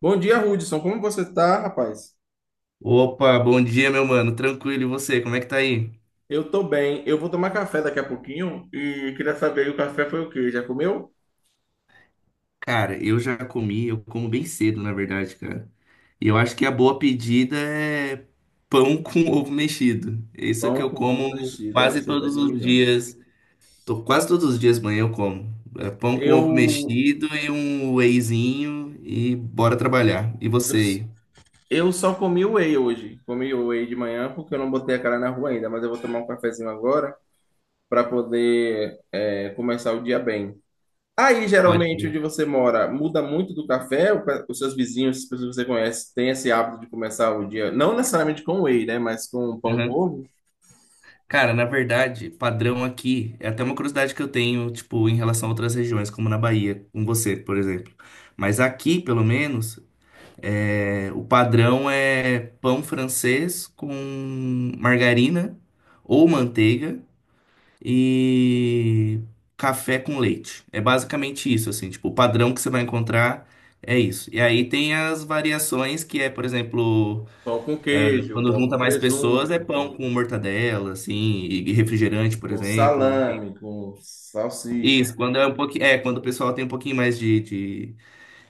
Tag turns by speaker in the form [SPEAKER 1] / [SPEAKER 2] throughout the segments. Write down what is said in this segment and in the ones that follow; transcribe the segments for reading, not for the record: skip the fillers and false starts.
[SPEAKER 1] Bom dia, Hudson. Como você tá, rapaz?
[SPEAKER 2] Opa, bom dia, meu mano. Tranquilo, e você? Como é que tá aí?
[SPEAKER 1] Eu tô bem. Eu vou tomar café daqui a pouquinho e queria saber, o café foi o quê? Já comeu?
[SPEAKER 2] Cara, eu já comi, eu como bem cedo, na verdade, cara. E eu acho que a boa pedida é pão com ovo mexido. Isso é que
[SPEAKER 1] Pão
[SPEAKER 2] eu
[SPEAKER 1] com ovo
[SPEAKER 2] como
[SPEAKER 1] mexido, a
[SPEAKER 2] quase
[SPEAKER 1] receita
[SPEAKER 2] todos
[SPEAKER 1] de
[SPEAKER 2] os
[SPEAKER 1] milhões.
[SPEAKER 2] dias. Tô quase todos os dias manhã eu como. É pão com ovo
[SPEAKER 1] Eu,
[SPEAKER 2] mexido e um wheyzinho e bora trabalhar. E
[SPEAKER 1] eu,
[SPEAKER 2] você aí?
[SPEAKER 1] eu só comi whey hoje. Comi whey de manhã porque eu não botei a cara na rua ainda, mas eu vou tomar um cafezinho agora para poder começar o dia bem. Aí,
[SPEAKER 2] Pode
[SPEAKER 1] geralmente,
[SPEAKER 2] crer.
[SPEAKER 1] onde você mora, muda muito do café? Os seus vizinhos, as pessoas que você conhece, têm esse hábito de começar o dia, não necessariamente com whey, né? Mas com pão com ovo?
[SPEAKER 2] Cara, na verdade, padrão aqui é até uma curiosidade que eu tenho, tipo, em relação a outras regiões, como na Bahia, com você, por exemplo. Mas aqui, pelo menos, é, o padrão é pão francês com margarina ou manteiga e café com leite. É basicamente isso, assim, tipo, o padrão que você vai encontrar é isso. E aí tem as variações que é, por exemplo.
[SPEAKER 1] Pão com queijo,
[SPEAKER 2] Quando
[SPEAKER 1] pão
[SPEAKER 2] junta
[SPEAKER 1] com
[SPEAKER 2] mais pessoas, é
[SPEAKER 1] presunto, pão
[SPEAKER 2] pão com mortadela, assim, e refrigerante, por
[SPEAKER 1] com
[SPEAKER 2] exemplo.
[SPEAKER 1] salame, com salsicha.
[SPEAKER 2] Isso, quando é um pouquinho, é, quando o pessoal tem um pouquinho mais de, de,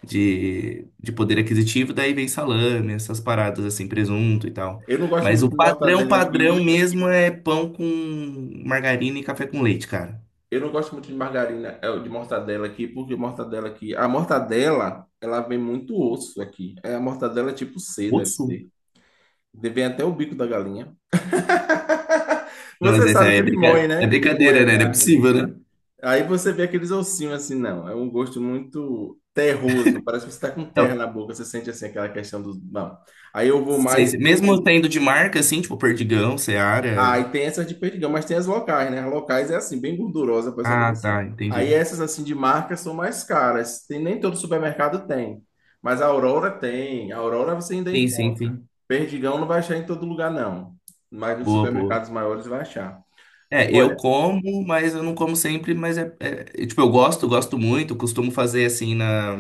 [SPEAKER 2] de, de poder aquisitivo, daí vem salame, essas paradas assim, presunto e tal.
[SPEAKER 1] Eu não gosto
[SPEAKER 2] Mas o
[SPEAKER 1] muito de
[SPEAKER 2] padrão,
[SPEAKER 1] mortadela
[SPEAKER 2] padrão
[SPEAKER 1] aqui.
[SPEAKER 2] mesmo é pão com margarina e café com leite, cara.
[SPEAKER 1] Eu não gosto muito de margarina, de mortadela aqui, porque mortadela aqui. A mortadela, ela vem muito osso aqui. É, a mortadela é tipo C, deve
[SPEAKER 2] Osso?
[SPEAKER 1] ser. Vem até o bico da galinha.
[SPEAKER 2] Não, mas
[SPEAKER 1] Você
[SPEAKER 2] essa
[SPEAKER 1] sabe que eles moem,
[SPEAKER 2] é
[SPEAKER 1] né? Eles moem
[SPEAKER 2] brincadeira,
[SPEAKER 1] a
[SPEAKER 2] né? Não é
[SPEAKER 1] carne.
[SPEAKER 2] possível, né?
[SPEAKER 1] Aí você vê aqueles ossinhos assim, não. É um gosto muito terroso. Parece que você está com terra
[SPEAKER 2] Não,
[SPEAKER 1] na boca. Você sente assim aquela questão dos. Não. Aí eu vou
[SPEAKER 2] sei,
[SPEAKER 1] mais
[SPEAKER 2] sei. Mesmo
[SPEAKER 1] pro.
[SPEAKER 2] tendo de marca, assim, tipo Perdigão,
[SPEAKER 1] Ah,
[SPEAKER 2] Seara.
[SPEAKER 1] e tem essas de Perdigão, mas tem as locais, né? As locais é assim, bem gordurosa, parece uma coisa
[SPEAKER 2] Ah,
[SPEAKER 1] assim.
[SPEAKER 2] tá,
[SPEAKER 1] Aí
[SPEAKER 2] entendi.
[SPEAKER 1] essas assim de marca são mais caras. Tem, nem todo supermercado tem. Mas a Aurora tem. A Aurora você ainda
[SPEAKER 2] Sim, sim,
[SPEAKER 1] encontra.
[SPEAKER 2] sim.
[SPEAKER 1] Perdigão não vai achar em todo lugar, não. Mas nos
[SPEAKER 2] Boa, boa.
[SPEAKER 1] supermercados maiores vai achar.
[SPEAKER 2] É, eu
[SPEAKER 1] Olha.
[SPEAKER 2] como, mas eu não como sempre, mas é, tipo, eu gosto, gosto muito, costumo fazer assim na,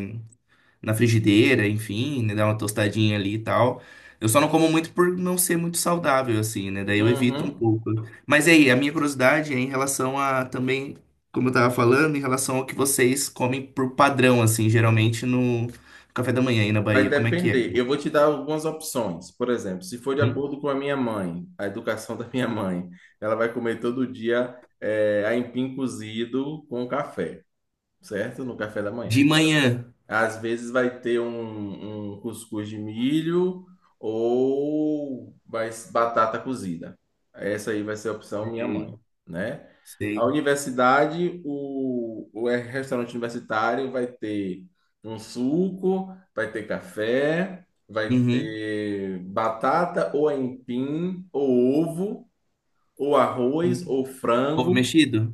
[SPEAKER 2] na frigideira, enfim, né, dar uma tostadinha ali e tal. Eu só não como muito por não ser muito saudável, assim, né? Daí eu evito um
[SPEAKER 1] Uhum.
[SPEAKER 2] pouco. Mas aí, a minha curiosidade é em relação a também, como eu tava falando, em relação ao que vocês comem por padrão, assim, geralmente no café da manhã aí na
[SPEAKER 1] Vai
[SPEAKER 2] Bahia. Como é que é?
[SPEAKER 1] depender. Eu vou te dar algumas opções. Por exemplo, se for de
[SPEAKER 2] Hum?
[SPEAKER 1] acordo com a minha mãe, a educação da minha mãe, ela vai comer todo dia aipim cozido com café, certo? No café da manhã.
[SPEAKER 2] De manhã.
[SPEAKER 1] Às vezes vai ter um cuscuz de milho ou vai batata cozida. Essa aí vai ser a opção minha
[SPEAKER 2] Sei,
[SPEAKER 1] mãe, né? A
[SPEAKER 2] sei.
[SPEAKER 1] universidade, o restaurante universitário vai ter um suco, vai ter café, vai
[SPEAKER 2] Uhum.
[SPEAKER 1] ter batata ou aipim, ou ovo, ou arroz,
[SPEAKER 2] Uhum.
[SPEAKER 1] ou
[SPEAKER 2] Ovo
[SPEAKER 1] frango,
[SPEAKER 2] mexido?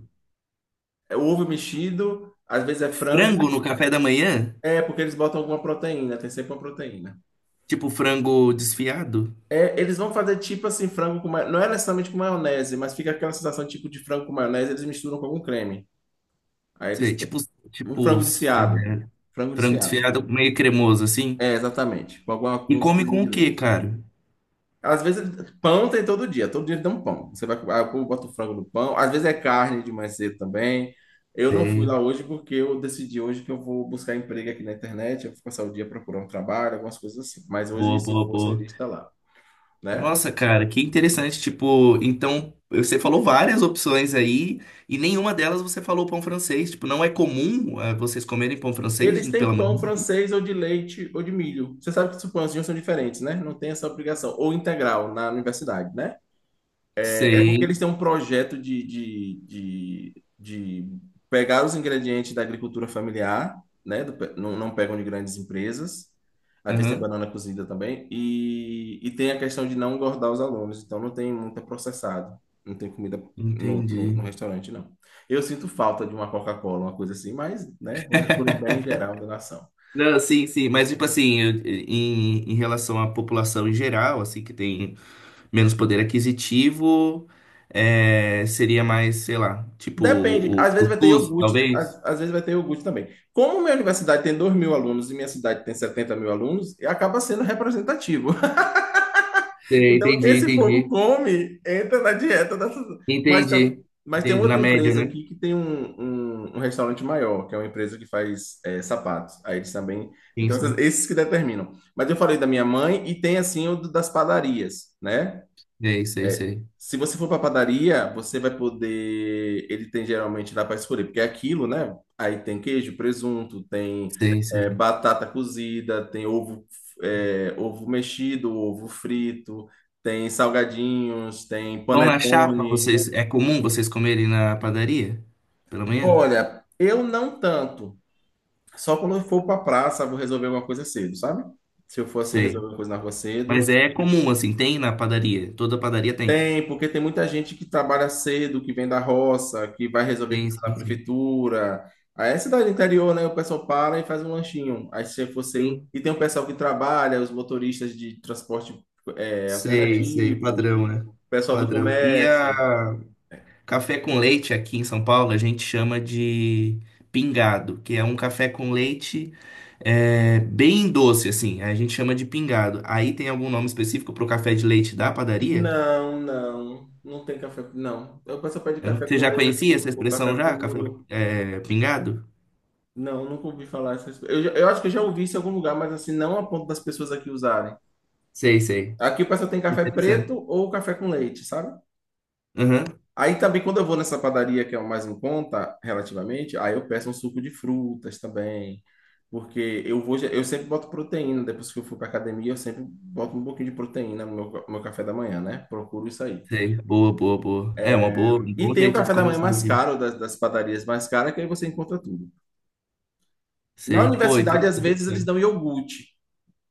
[SPEAKER 1] é ovo mexido, às vezes é
[SPEAKER 2] Frango no
[SPEAKER 1] frango,
[SPEAKER 2] café da manhã?
[SPEAKER 1] é porque eles botam alguma proteína, tem sempre uma proteína.
[SPEAKER 2] Tipo frango desfiado?
[SPEAKER 1] É, eles vão fazer tipo assim, frango. Não é necessariamente com maionese, mas fica aquela sensação tipo de frango com maionese, eles misturam com algum creme. Aí
[SPEAKER 2] Sei,
[SPEAKER 1] eles têm
[SPEAKER 2] tipo,
[SPEAKER 1] um
[SPEAKER 2] tipo
[SPEAKER 1] frango
[SPEAKER 2] é,
[SPEAKER 1] desfiado. Frango
[SPEAKER 2] frango
[SPEAKER 1] desfiado.
[SPEAKER 2] desfiado meio cremoso assim.
[SPEAKER 1] É, exatamente. Com alguma
[SPEAKER 2] E
[SPEAKER 1] com
[SPEAKER 2] come
[SPEAKER 1] creme
[SPEAKER 2] com o
[SPEAKER 1] de
[SPEAKER 2] quê,
[SPEAKER 1] leite.
[SPEAKER 2] cara?
[SPEAKER 1] Às vezes, pão tem todo dia. Todo dia eles dão um pão. Você vai, aí o povo bota o frango no pão. Às vezes é carne de mais cedo também. Eu não fui
[SPEAKER 2] Sei.
[SPEAKER 1] lá hoje porque eu decidi hoje que eu vou buscar emprego aqui na internet. Eu vou passar o dia procurando trabalho, algumas coisas assim. Mas hoje,
[SPEAKER 2] Boa,
[SPEAKER 1] se
[SPEAKER 2] boa,
[SPEAKER 1] fosse, eu
[SPEAKER 2] boa.
[SPEAKER 1] iria estar lá, né?
[SPEAKER 2] Nossa, cara, que interessante. Tipo, então você falou várias opções aí e nenhuma delas você falou pão francês. Tipo, não é comum é, vocês comerem pão francês
[SPEAKER 1] Eles têm
[SPEAKER 2] pela
[SPEAKER 1] pão
[SPEAKER 2] manhã?
[SPEAKER 1] francês ou de leite ou de milho. Você sabe que os pãezinhos são diferentes, né? Não tem essa obrigação. Ou integral na universidade, né? É, é porque eles
[SPEAKER 2] Sei.
[SPEAKER 1] têm um projeto de pegar os ingredientes da agricultura familiar, né? Do pe- não, não pegam de grandes empresas. Às vezes tem
[SPEAKER 2] Aham.
[SPEAKER 1] banana cozida também. E tem a questão de não engordar os alunos. Então não tem muito processado. Não tem comida no, no,
[SPEAKER 2] Entendi.
[SPEAKER 1] no restaurante, não. Eu sinto falta de uma Coca-Cola, uma coisa assim, mas, né? Vamos pelo bem geral da nação.
[SPEAKER 2] Não, sim, sim, mas tipo assim, em relação à população em geral, assim, que tem menos poder aquisitivo, é, seria mais, sei lá, tipo
[SPEAKER 1] Depende,
[SPEAKER 2] o
[SPEAKER 1] às vezes vai ter
[SPEAKER 2] cuscuz,
[SPEAKER 1] iogurte,
[SPEAKER 2] talvez?
[SPEAKER 1] às vezes vai ter iogurte também. Como minha universidade tem 2.000 alunos e minha cidade tem 70.000 alunos, e acaba sendo representativo.
[SPEAKER 2] Sei,
[SPEAKER 1] Então, o que
[SPEAKER 2] entendi,
[SPEAKER 1] esse povo
[SPEAKER 2] entendi.
[SPEAKER 1] come entra na dieta dessas. Mas, tá-
[SPEAKER 2] Entendi.
[SPEAKER 1] mas tem
[SPEAKER 2] Entendi. Na
[SPEAKER 1] outra
[SPEAKER 2] média,
[SPEAKER 1] empresa
[SPEAKER 2] né?
[SPEAKER 1] aqui que tem um restaurante maior, que é uma empresa que faz sapatos. Aí eles também.
[SPEAKER 2] Sim,
[SPEAKER 1] Então,
[SPEAKER 2] sim.
[SPEAKER 1] esses que determinam. Mas eu falei da minha mãe e tem assim das padarias, né?
[SPEAKER 2] Sei, sei, sei.
[SPEAKER 1] Se você for para padaria, você vai poder. Ele tem geralmente dá para escolher, porque é aquilo, né? Aí tem queijo, presunto, tem
[SPEAKER 2] Sei, sei.
[SPEAKER 1] batata cozida, tem ovo, ovo mexido, ovo frito, tem salgadinhos, tem
[SPEAKER 2] Pão na chapa,
[SPEAKER 1] panetone.
[SPEAKER 2] vocês, é comum vocês comerem na padaria? Pela manhã?
[SPEAKER 1] Olha, eu não tanto. Só quando eu for para praça, vou resolver alguma coisa cedo, sabe? Se eu for assim
[SPEAKER 2] Sei.
[SPEAKER 1] resolver uma coisa na rua cedo.
[SPEAKER 2] Mas é comum, assim, tem na padaria. Toda padaria tem.
[SPEAKER 1] Tem, porque tem muita gente que trabalha cedo, que vem da roça, que vai resolver
[SPEAKER 2] Tem,
[SPEAKER 1] coisa na
[SPEAKER 2] sim, sim.
[SPEAKER 1] prefeitura. Aí é cidade interior, né? O pessoal para e faz um lanchinho. Aí se você.
[SPEAKER 2] Sim.
[SPEAKER 1] E tem o pessoal que trabalha, os motoristas de transporte
[SPEAKER 2] Sei, sei.
[SPEAKER 1] alternativo, o
[SPEAKER 2] Padrão, né?
[SPEAKER 1] pessoal do
[SPEAKER 2] Padrão. E
[SPEAKER 1] comércio.
[SPEAKER 2] a Café com leite aqui em São Paulo a gente chama de pingado, que é um café com leite é, bem doce, assim. A gente chama de pingado. Aí tem algum nome específico para o café de leite da padaria?
[SPEAKER 1] Não, não. Não tem café. Não. O pessoal pede
[SPEAKER 2] Hã?
[SPEAKER 1] café
[SPEAKER 2] Você
[SPEAKER 1] com
[SPEAKER 2] já conhecia
[SPEAKER 1] leite
[SPEAKER 2] essa
[SPEAKER 1] ou café
[SPEAKER 2] expressão já? Café
[SPEAKER 1] puro.
[SPEAKER 2] é, pingado?
[SPEAKER 1] Não, nunca ouvi falar essas coisas. Eu acho que eu já ouvi isso em algum lugar, mas assim, não a ponto das pessoas aqui usarem.
[SPEAKER 2] Sei, sei.
[SPEAKER 1] Aqui o pessoal tem café preto
[SPEAKER 2] Interessante.
[SPEAKER 1] ou café com leite, sabe?
[SPEAKER 2] Aham,
[SPEAKER 1] Aí também quando eu vou nessa padaria que é o mais em conta, relativamente, aí eu peço um suco de frutas também, porque eu sempre boto proteína, depois que eu for para academia, eu sempre boto um pouquinho de proteína no meu café da manhã, né? Procuro isso aí.
[SPEAKER 2] sei. Boa, boa, boa. É uma boa, um
[SPEAKER 1] E
[SPEAKER 2] bom
[SPEAKER 1] tem o
[SPEAKER 2] jeito de
[SPEAKER 1] café da manhã
[SPEAKER 2] começar
[SPEAKER 1] mais
[SPEAKER 2] aqui.
[SPEAKER 1] caro, das padarias mais caras, que aí você encontra tudo. Na
[SPEAKER 2] Sei. Pô,
[SPEAKER 1] universidade, às
[SPEAKER 2] interessante,
[SPEAKER 1] vezes, eles
[SPEAKER 2] cara.
[SPEAKER 1] dão iogurte,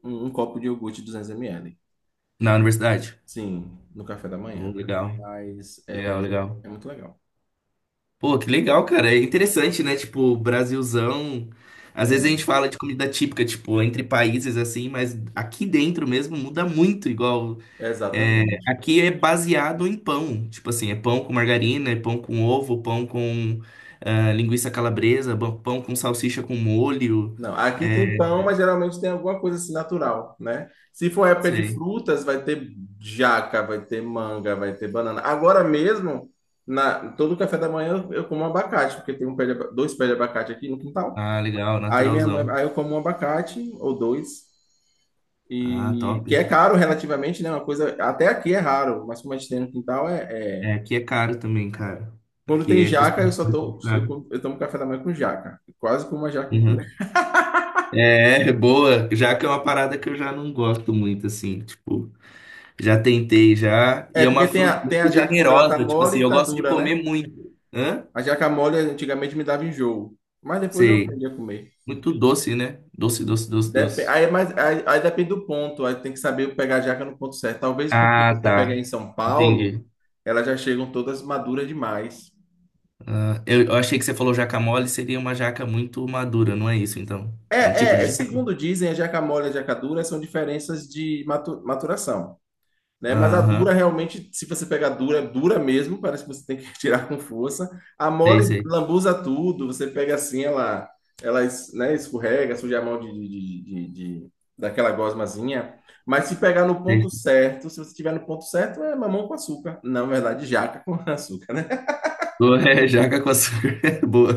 [SPEAKER 1] um copo de iogurte 200 ml,
[SPEAKER 2] Na universidade?
[SPEAKER 1] sim, no café da
[SPEAKER 2] Oh,
[SPEAKER 1] manhã.
[SPEAKER 2] legal,
[SPEAKER 1] Mas
[SPEAKER 2] legal,
[SPEAKER 1] é,
[SPEAKER 2] legal.
[SPEAKER 1] é muito legal.
[SPEAKER 2] Pô, que legal, cara. É interessante, né? Tipo, Brasilzão. Às vezes a gente
[SPEAKER 1] É,
[SPEAKER 2] fala de comida típica, tipo, entre países assim, mas aqui dentro mesmo muda muito. Igual, é,
[SPEAKER 1] exatamente.
[SPEAKER 2] aqui é baseado em pão. Tipo assim, é pão com margarina, é pão com ovo, pão com linguiça calabresa, pão com salsicha com molho.
[SPEAKER 1] Não, aqui tem pão, mas geralmente tem alguma coisa assim natural, né? Se for época de
[SPEAKER 2] Sei.
[SPEAKER 1] frutas, vai ter jaca, vai ter manga, vai ter banana. Agora mesmo, na todo café da manhã eu como abacate, porque tem dois pés de abacate aqui no quintal.
[SPEAKER 2] Ah, legal,
[SPEAKER 1] Aí minha mãe,
[SPEAKER 2] naturalzão.
[SPEAKER 1] aí eu como um abacate ou dois
[SPEAKER 2] Ah,
[SPEAKER 1] e
[SPEAKER 2] top.
[SPEAKER 1] que é caro relativamente, né? Uma coisa até aqui é raro, mas como a gente tem no quintal.
[SPEAKER 2] É, aqui é caro também, cara.
[SPEAKER 1] Quando
[SPEAKER 2] Aqui
[SPEAKER 1] tem
[SPEAKER 2] é custo.
[SPEAKER 1] jaca, eu só tô, eu, como- eu tomo café da manhã com jaca, quase como uma jaca inteira.
[SPEAKER 2] Uhum. É, boa, já que é uma parada que eu já não gosto muito, assim, tipo, já tentei já, e
[SPEAKER 1] É
[SPEAKER 2] é uma
[SPEAKER 1] porque tem
[SPEAKER 2] fruta
[SPEAKER 1] a, tem a
[SPEAKER 2] muito
[SPEAKER 1] jaca quando ela tá
[SPEAKER 2] generosa, tipo
[SPEAKER 1] mole
[SPEAKER 2] assim,
[SPEAKER 1] e
[SPEAKER 2] eu
[SPEAKER 1] tá
[SPEAKER 2] gosto de
[SPEAKER 1] dura,
[SPEAKER 2] comer
[SPEAKER 1] né?
[SPEAKER 2] muito, hã?
[SPEAKER 1] A jaca mole antigamente me dava enjoo, mas depois eu
[SPEAKER 2] Sei,
[SPEAKER 1] aprendi a comer.
[SPEAKER 2] muito doce, né? Doce, doce, doce,
[SPEAKER 1] Depe-
[SPEAKER 2] doce.
[SPEAKER 1] Aí, é mais, aí, aí depende do ponto, aí tem que saber pegar a jaca no ponto certo. Talvez porque
[SPEAKER 2] Ah,
[SPEAKER 1] você pega
[SPEAKER 2] tá,
[SPEAKER 1] em São Paulo,
[SPEAKER 2] entendi.
[SPEAKER 1] elas já chegam todas maduras demais.
[SPEAKER 2] Ah, eu achei que você falou jaca mole, seria uma jaca muito madura, não é isso, então?
[SPEAKER 1] É,
[SPEAKER 2] É um tipo
[SPEAKER 1] é,
[SPEAKER 2] de
[SPEAKER 1] é,
[SPEAKER 2] jaca?
[SPEAKER 1] segundo dizem, a jaca mole e a jaca dura são diferenças de maturação. Né? Mas a dura
[SPEAKER 2] Aham,
[SPEAKER 1] realmente, se você pegar dura, dura mesmo, parece que você tem que tirar com força. A
[SPEAKER 2] sei,
[SPEAKER 1] mole
[SPEAKER 2] sei,
[SPEAKER 1] lambuza tudo, você pega assim, escorrega, suja a mão daquela gosmazinha. Mas se pegar no
[SPEAKER 2] sei.
[SPEAKER 1] ponto certo, se você tiver no ponto certo, é mamão com açúcar. Não, na verdade, jaca com açúcar, né?
[SPEAKER 2] Boa, É, jaca com açúcar, boa.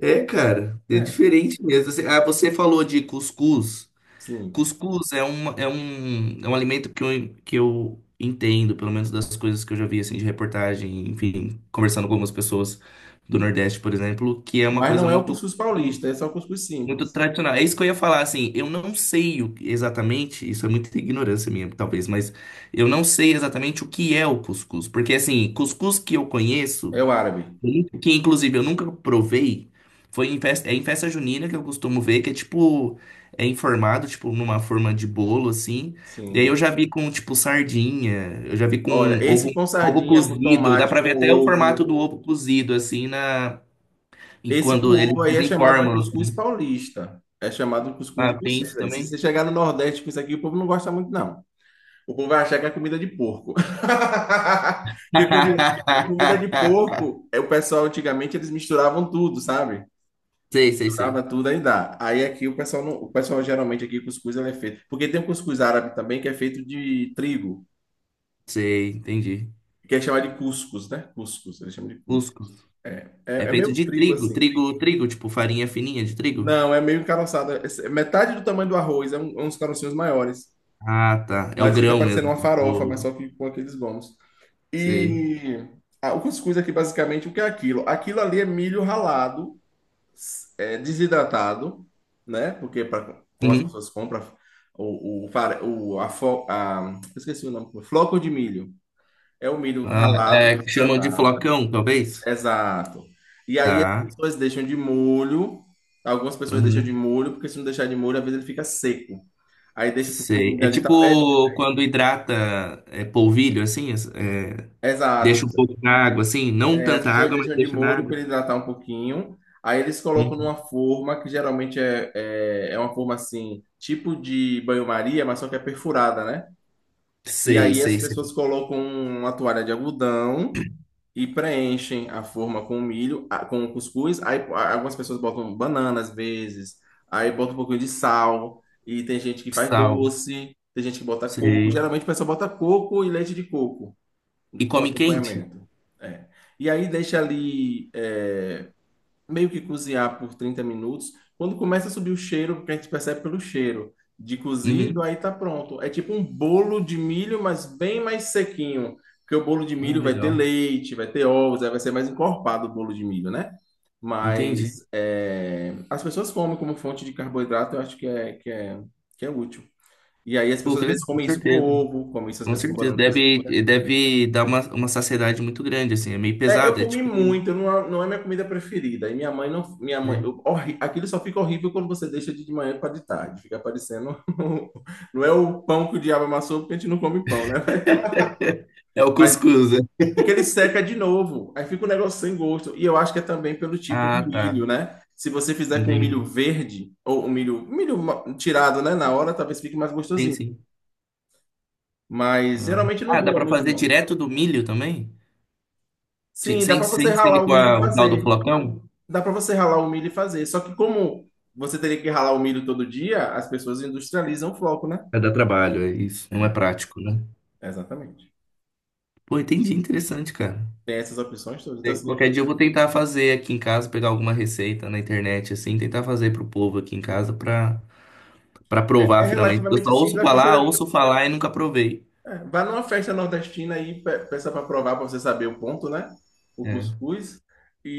[SPEAKER 2] É, cara, é
[SPEAKER 1] É,
[SPEAKER 2] diferente mesmo. Ah, você falou de cuscuz.
[SPEAKER 1] sim.
[SPEAKER 2] Cuscuz é um alimento que eu entendo, pelo menos das coisas que eu já vi assim, de reportagem, enfim, conversando com algumas pessoas do Nordeste, por exemplo, que é uma
[SPEAKER 1] Mas
[SPEAKER 2] coisa
[SPEAKER 1] não é o
[SPEAKER 2] muito,
[SPEAKER 1] cuscuz paulista, é só o cuscuz
[SPEAKER 2] muito
[SPEAKER 1] simples.
[SPEAKER 2] tradicional. É isso que eu ia falar, assim, eu não sei exatamente, isso é muita ignorância minha, talvez, mas eu não sei exatamente o que é o cuscuz, porque assim, cuscuz que eu
[SPEAKER 1] É
[SPEAKER 2] conheço.
[SPEAKER 1] o árabe.
[SPEAKER 2] Gente, que inclusive eu nunca provei. É em festa junina que eu costumo ver, que é tipo, é informado, tipo, numa forma de bolo, assim. E aí eu
[SPEAKER 1] Sim.
[SPEAKER 2] já vi com, tipo, sardinha, eu já vi com
[SPEAKER 1] Olha,
[SPEAKER 2] ovo,
[SPEAKER 1] esse com
[SPEAKER 2] ovo
[SPEAKER 1] sardinha, com
[SPEAKER 2] cozido. Dá
[SPEAKER 1] tomate,
[SPEAKER 2] pra
[SPEAKER 1] com
[SPEAKER 2] ver até o formato
[SPEAKER 1] ovo.
[SPEAKER 2] do ovo cozido, assim, e
[SPEAKER 1] Esse com
[SPEAKER 2] quando eles
[SPEAKER 1] ovo aí é chamado de
[SPEAKER 2] desenformam.
[SPEAKER 1] cuscuz paulista. É chamado de cuscuz de
[SPEAKER 2] Ah, tem
[SPEAKER 1] vocês
[SPEAKER 2] isso
[SPEAKER 1] aí. Se você
[SPEAKER 2] também?
[SPEAKER 1] chegar no Nordeste com isso aqui, o povo não gosta muito, não. O povo vai achar que é comida de porco. Que comida, comida de porco, o pessoal antigamente eles misturavam tudo, sabe?
[SPEAKER 2] Sei, sei,
[SPEAKER 1] Misturava
[SPEAKER 2] sei.
[SPEAKER 1] tudo aí dá. Aí aqui o pessoal não, o pessoal geralmente aqui cuscuz ele é feito, porque tem um cuscuz árabe também que é feito de trigo,
[SPEAKER 2] Sei, entendi.
[SPEAKER 1] que é chamado de cuscuz, né? Cuscuz, eles chamam de cuscuz.
[SPEAKER 2] Cuscuz.
[SPEAKER 1] É, é,
[SPEAKER 2] É
[SPEAKER 1] é
[SPEAKER 2] feito
[SPEAKER 1] meio
[SPEAKER 2] de
[SPEAKER 1] trigo
[SPEAKER 2] trigo,
[SPEAKER 1] assim.
[SPEAKER 2] trigo, trigo, tipo farinha fininha de trigo.
[SPEAKER 1] Não, é meio encaroçado. É metade do tamanho do arroz, é uns carocinhos maiores.
[SPEAKER 2] Ah, tá. É o
[SPEAKER 1] Mas fica
[SPEAKER 2] grão
[SPEAKER 1] parecendo
[SPEAKER 2] mesmo.
[SPEAKER 1] uma farofa, mas
[SPEAKER 2] Tipo,
[SPEAKER 1] só que com aqueles gomos.
[SPEAKER 2] sei.
[SPEAKER 1] E o cuscuz aqui, basicamente, o que é aquilo? Aquilo ali é milho ralado, desidratado, né? Porque pra, como as
[SPEAKER 2] Uhum.
[SPEAKER 1] pessoas compram o, fare- o, a, fo- a- eu esqueci o nome, floco de milho. É o milho
[SPEAKER 2] Ah,
[SPEAKER 1] ralado,
[SPEAKER 2] é, que chamam de
[SPEAKER 1] desidratado.
[SPEAKER 2] flocão, talvez?
[SPEAKER 1] Exato. E aí as
[SPEAKER 2] Tá.
[SPEAKER 1] pessoas deixam de molho, algumas pessoas deixam de
[SPEAKER 2] Uhum.
[SPEAKER 1] molho, porque se não deixar de molho, às vezes ele fica seco. Aí deixa porque o
[SPEAKER 2] Sei.
[SPEAKER 1] molho
[SPEAKER 2] É
[SPEAKER 1] ali tá perto.
[SPEAKER 2] tipo quando hidrata é, polvilho, assim,
[SPEAKER 1] Exato. As
[SPEAKER 2] deixa um
[SPEAKER 1] pessoas
[SPEAKER 2] pouco na água, assim. Não
[SPEAKER 1] é, as
[SPEAKER 2] tanta
[SPEAKER 1] pessoas
[SPEAKER 2] água, mas
[SPEAKER 1] deixam de
[SPEAKER 2] deixa na
[SPEAKER 1] molho
[SPEAKER 2] água.
[SPEAKER 1] para ele hidratar um pouquinho. Aí eles colocam
[SPEAKER 2] Uhum.
[SPEAKER 1] numa forma que geralmente é uma forma assim, tipo de banho-maria, mas só que é perfurada, né? E
[SPEAKER 2] Sei,
[SPEAKER 1] aí as
[SPEAKER 2] sei, sei.
[SPEAKER 1] pessoas colocam uma toalha de algodão e preenchem a forma com o milho, com o cuscuz. Aí algumas pessoas botam banana às vezes, aí bota um pouquinho de sal, e tem gente que faz
[SPEAKER 2] Sal.
[SPEAKER 1] doce, tem gente que bota coco.
[SPEAKER 2] Sei.
[SPEAKER 1] Geralmente o pessoal bota coco e leite de coco
[SPEAKER 2] E
[SPEAKER 1] como
[SPEAKER 2] come quente?
[SPEAKER 1] acompanhamento. É. E aí deixa ali. Meio que cozinhar por 30 minutos. Quando começa a subir o cheiro, porque a gente percebe pelo cheiro de cozido,
[SPEAKER 2] Uhum.
[SPEAKER 1] aí tá pronto. É tipo um bolo de milho, mas bem mais sequinho. Porque o bolo de
[SPEAKER 2] Ah,
[SPEAKER 1] milho vai ter
[SPEAKER 2] legal.
[SPEAKER 1] leite, vai ter ovos, aí vai ser mais encorpado o bolo de milho, né?
[SPEAKER 2] Entendi.
[SPEAKER 1] Mas é, as pessoas comem como fonte de carboidrato, eu acho que é útil. E aí as
[SPEAKER 2] Pô,
[SPEAKER 1] pessoas
[SPEAKER 2] que
[SPEAKER 1] às vezes
[SPEAKER 2] legal, com
[SPEAKER 1] comem isso com
[SPEAKER 2] certeza.
[SPEAKER 1] ovo, comem isso às
[SPEAKER 2] Com
[SPEAKER 1] vezes com
[SPEAKER 2] certeza.
[SPEAKER 1] banana cozida.
[SPEAKER 2] Deve dar uma saciedade muito grande, assim. É meio
[SPEAKER 1] É, eu
[SPEAKER 2] pesado. É
[SPEAKER 1] comi
[SPEAKER 2] tipo.
[SPEAKER 1] muito, não é minha comida preferida. E minha mãe não. Minha mãe,
[SPEAKER 2] é,
[SPEAKER 1] aquilo só fica horrível quando você deixa de manhã para de tarde. Fica parecendo. Não é o pão que o diabo amassou, porque a gente não come pão, né?
[SPEAKER 2] É o
[SPEAKER 1] Mas
[SPEAKER 2] cuscuz, né?
[SPEAKER 1] porque ele seca de novo. Aí fica um negócio sem gosto. E eu acho que é também pelo tipo de
[SPEAKER 2] Ah,
[SPEAKER 1] milho,
[SPEAKER 2] tá.
[SPEAKER 1] né? Se você fizer com
[SPEAKER 2] Entendi.
[SPEAKER 1] milho verde, ou um milho tirado, né? Na hora, talvez fique mais
[SPEAKER 2] Sim,
[SPEAKER 1] gostosinho.
[SPEAKER 2] sim.
[SPEAKER 1] Mas
[SPEAKER 2] Ah,
[SPEAKER 1] geralmente não
[SPEAKER 2] Ah, dá
[SPEAKER 1] dura
[SPEAKER 2] pra
[SPEAKER 1] muito,
[SPEAKER 2] fazer
[SPEAKER 1] não.
[SPEAKER 2] direto do milho também? Sem,
[SPEAKER 1] Sim, dá
[SPEAKER 2] sem
[SPEAKER 1] para você
[SPEAKER 2] sem
[SPEAKER 1] ralar
[SPEAKER 2] ser
[SPEAKER 1] o
[SPEAKER 2] com
[SPEAKER 1] milho e
[SPEAKER 2] o tal do
[SPEAKER 1] fazer.
[SPEAKER 2] flocão?
[SPEAKER 1] Dá para você ralar o milho e fazer. Só que como você teria que ralar o milho todo dia, as pessoas industrializam o floco, né?
[SPEAKER 2] É dar trabalho, é isso. Não é
[SPEAKER 1] É,
[SPEAKER 2] prático, né?
[SPEAKER 1] exatamente.
[SPEAKER 2] Pô,
[SPEAKER 1] E
[SPEAKER 2] entendi. Interessante, cara.
[SPEAKER 1] tem essas opções todas. Então, assim,
[SPEAKER 2] Qualquer dia eu vou tentar fazer aqui em casa, pegar alguma receita na internet, assim, tentar fazer pro povo aqui em casa pra provar
[SPEAKER 1] é
[SPEAKER 2] finalmente. Porque eu só
[SPEAKER 1] relativamente simples. Aconselho,
[SPEAKER 2] ouço falar e nunca provei.
[SPEAKER 1] é, vá numa festa nordestina e peça para provar, para você saber o ponto, né? O
[SPEAKER 2] É.
[SPEAKER 1] cuscuz.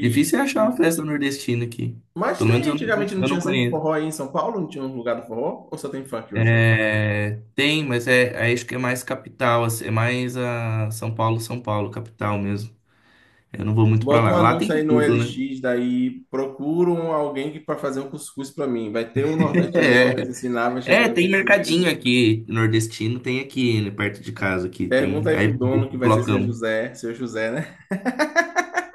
[SPEAKER 2] Difícil é achar uma festa nordestina aqui.
[SPEAKER 1] Mas
[SPEAKER 2] Pelo menos
[SPEAKER 1] tem,
[SPEAKER 2] eu não,
[SPEAKER 1] antigamente não
[SPEAKER 2] eu não
[SPEAKER 1] tinha sempre
[SPEAKER 2] conheço.
[SPEAKER 1] forró aí em São Paulo? Não tinha um lugar do forró? Ou só tem funk hoje?
[SPEAKER 2] É, tem, mas é, aí acho que é mais capital, assim, é mais a São Paulo, São Paulo, capital mesmo. Eu não vou muito pra
[SPEAKER 1] Bota um
[SPEAKER 2] lá. Lá tem
[SPEAKER 1] anúncio aí no
[SPEAKER 2] tudo, né?
[SPEAKER 1] LX, daí procuram alguém para fazer um cuscuz para mim. Vai ter um nordestino aí que vai te ensinar, vai chegar aí e vai
[SPEAKER 2] Tem
[SPEAKER 1] te ensinar a fazer
[SPEAKER 2] mercadinho
[SPEAKER 1] cuscuz.
[SPEAKER 2] aqui, nordestino tem aqui, né, perto de casa aqui, tem.
[SPEAKER 1] Pergunta aí
[SPEAKER 2] Aí
[SPEAKER 1] pro
[SPEAKER 2] tem esse
[SPEAKER 1] dono, que vai ser
[SPEAKER 2] blocão.
[SPEAKER 1] Seu José, né?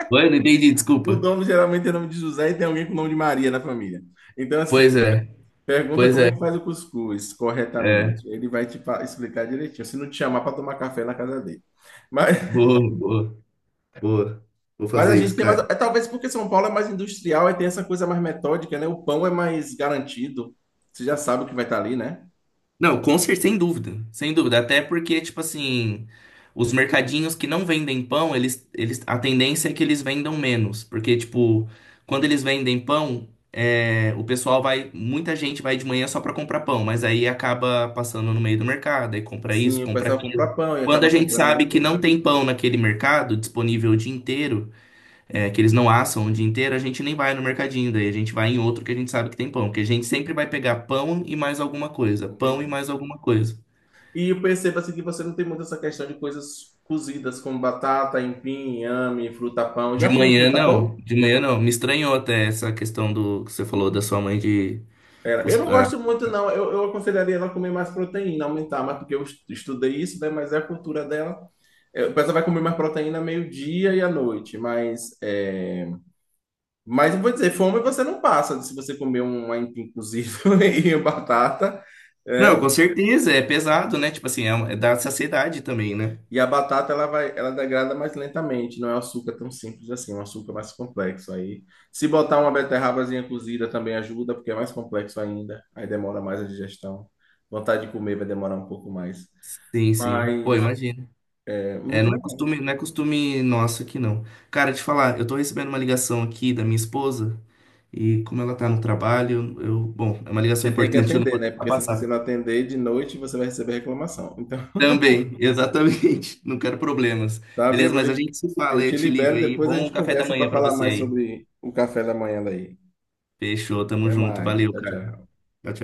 [SPEAKER 2] Oi, não entendi,
[SPEAKER 1] O
[SPEAKER 2] desculpa.
[SPEAKER 1] dono geralmente tem nome de José e tem alguém com nome de Maria na família. Então, assim,
[SPEAKER 2] Pois é,
[SPEAKER 1] pergunta
[SPEAKER 2] pois
[SPEAKER 1] como é
[SPEAKER 2] é,
[SPEAKER 1] que faz o cuscuz
[SPEAKER 2] é.
[SPEAKER 1] corretamente. Ele vai te explicar direitinho, se não te chamar para tomar café na casa dele. Mas,
[SPEAKER 2] Boa, boa, boa. Vou
[SPEAKER 1] Mas a
[SPEAKER 2] fazer
[SPEAKER 1] gente
[SPEAKER 2] isso,
[SPEAKER 1] tem mais.
[SPEAKER 2] cara.
[SPEAKER 1] É, talvez porque São Paulo é mais industrial e tem essa coisa mais metódica, né? O pão é mais garantido. Você já sabe o que vai estar ali, né?
[SPEAKER 2] Não, com certeza, sem dúvida. Sem dúvida. Até porque, tipo assim, os mercadinhos que não vendem pão, eles, a tendência é que eles vendam menos. Porque, tipo, quando eles vendem pão, é, o pessoal vai. Muita gente vai de manhã só pra comprar pão, mas aí acaba passando no meio do mercado, aí compra isso,
[SPEAKER 1] Sim, o
[SPEAKER 2] compra
[SPEAKER 1] pessoal
[SPEAKER 2] aquilo.
[SPEAKER 1] compra pão e
[SPEAKER 2] Quando
[SPEAKER 1] acaba
[SPEAKER 2] a gente
[SPEAKER 1] comprando alguma
[SPEAKER 2] sabe que
[SPEAKER 1] coisa.
[SPEAKER 2] não tem pão naquele mercado disponível o dia inteiro é, que eles não assam o dia inteiro, a gente nem vai no mercadinho, daí a gente vai em outro que a gente sabe que tem pão, porque a gente sempre vai pegar pão e mais alguma coisa, pão
[SPEAKER 1] Entendi.
[SPEAKER 2] e mais alguma coisa.
[SPEAKER 1] E eu percebo assim que você não tem muito essa questão de coisas cozidas como batata, empim, inhame, fruta-pão.
[SPEAKER 2] De
[SPEAKER 1] Já comeu
[SPEAKER 2] manhã não,
[SPEAKER 1] fruta-pão?
[SPEAKER 2] de manhã não. Me estranhou até essa questão do que você falou da sua mãe de.
[SPEAKER 1] Era. Eu
[SPEAKER 2] cus-
[SPEAKER 1] não
[SPEAKER 2] é.
[SPEAKER 1] gosto muito, não. Eu aconselharia ela a comer mais proteína, aumentar mais, porque eu estudei isso, né? Mas é a cultura dela. É, o pessoal vai comer mais proteína meio-dia e à noite, mas é, mas eu vou dizer, fome você não passa se você comer um aipim cozido e batata, né?
[SPEAKER 2] Não, com certeza, é pesado, né? Tipo assim, é, é da saciedade também, né?
[SPEAKER 1] E a batata ela vai, ela degrada mais lentamente, não é um açúcar tão simples assim, é um açúcar mais complexo. Aí, se botar uma beterrabazinha cozida também ajuda, porque é mais complexo ainda, aí demora mais a digestão. Vontade de comer vai demorar um pouco mais.
[SPEAKER 2] Sim, sim. Pô,
[SPEAKER 1] Mas
[SPEAKER 2] imagina.
[SPEAKER 1] é
[SPEAKER 2] É,
[SPEAKER 1] muito
[SPEAKER 2] não é
[SPEAKER 1] legal.
[SPEAKER 2] costume, não é costume nosso aqui, não. Cara, te falar, eu tô recebendo uma ligação aqui da minha esposa, e como ela tá no trabalho, bom, é uma ligação
[SPEAKER 1] Você tem que
[SPEAKER 2] importante, eu não
[SPEAKER 1] atender,
[SPEAKER 2] vou
[SPEAKER 1] né?
[SPEAKER 2] deixar
[SPEAKER 1] Porque se você
[SPEAKER 2] passar.
[SPEAKER 1] não atender de noite, você vai receber reclamação. Então,
[SPEAKER 2] Também, exatamente. Não quero problemas.
[SPEAKER 1] tá bem,
[SPEAKER 2] Beleza? Mas a gente se fala,
[SPEAKER 1] eu
[SPEAKER 2] eu
[SPEAKER 1] te
[SPEAKER 2] te ligo
[SPEAKER 1] libero,
[SPEAKER 2] aí.
[SPEAKER 1] depois a
[SPEAKER 2] Bom
[SPEAKER 1] gente
[SPEAKER 2] café da
[SPEAKER 1] conversa
[SPEAKER 2] manhã
[SPEAKER 1] para
[SPEAKER 2] pra
[SPEAKER 1] falar
[SPEAKER 2] você
[SPEAKER 1] mais
[SPEAKER 2] aí.
[SPEAKER 1] sobre o café da manhã daí.
[SPEAKER 2] Fechou, tamo
[SPEAKER 1] Até
[SPEAKER 2] junto.
[SPEAKER 1] mais.
[SPEAKER 2] Valeu,
[SPEAKER 1] Tchau,
[SPEAKER 2] cara.
[SPEAKER 1] tchau.
[SPEAKER 2] Tchau, tchau.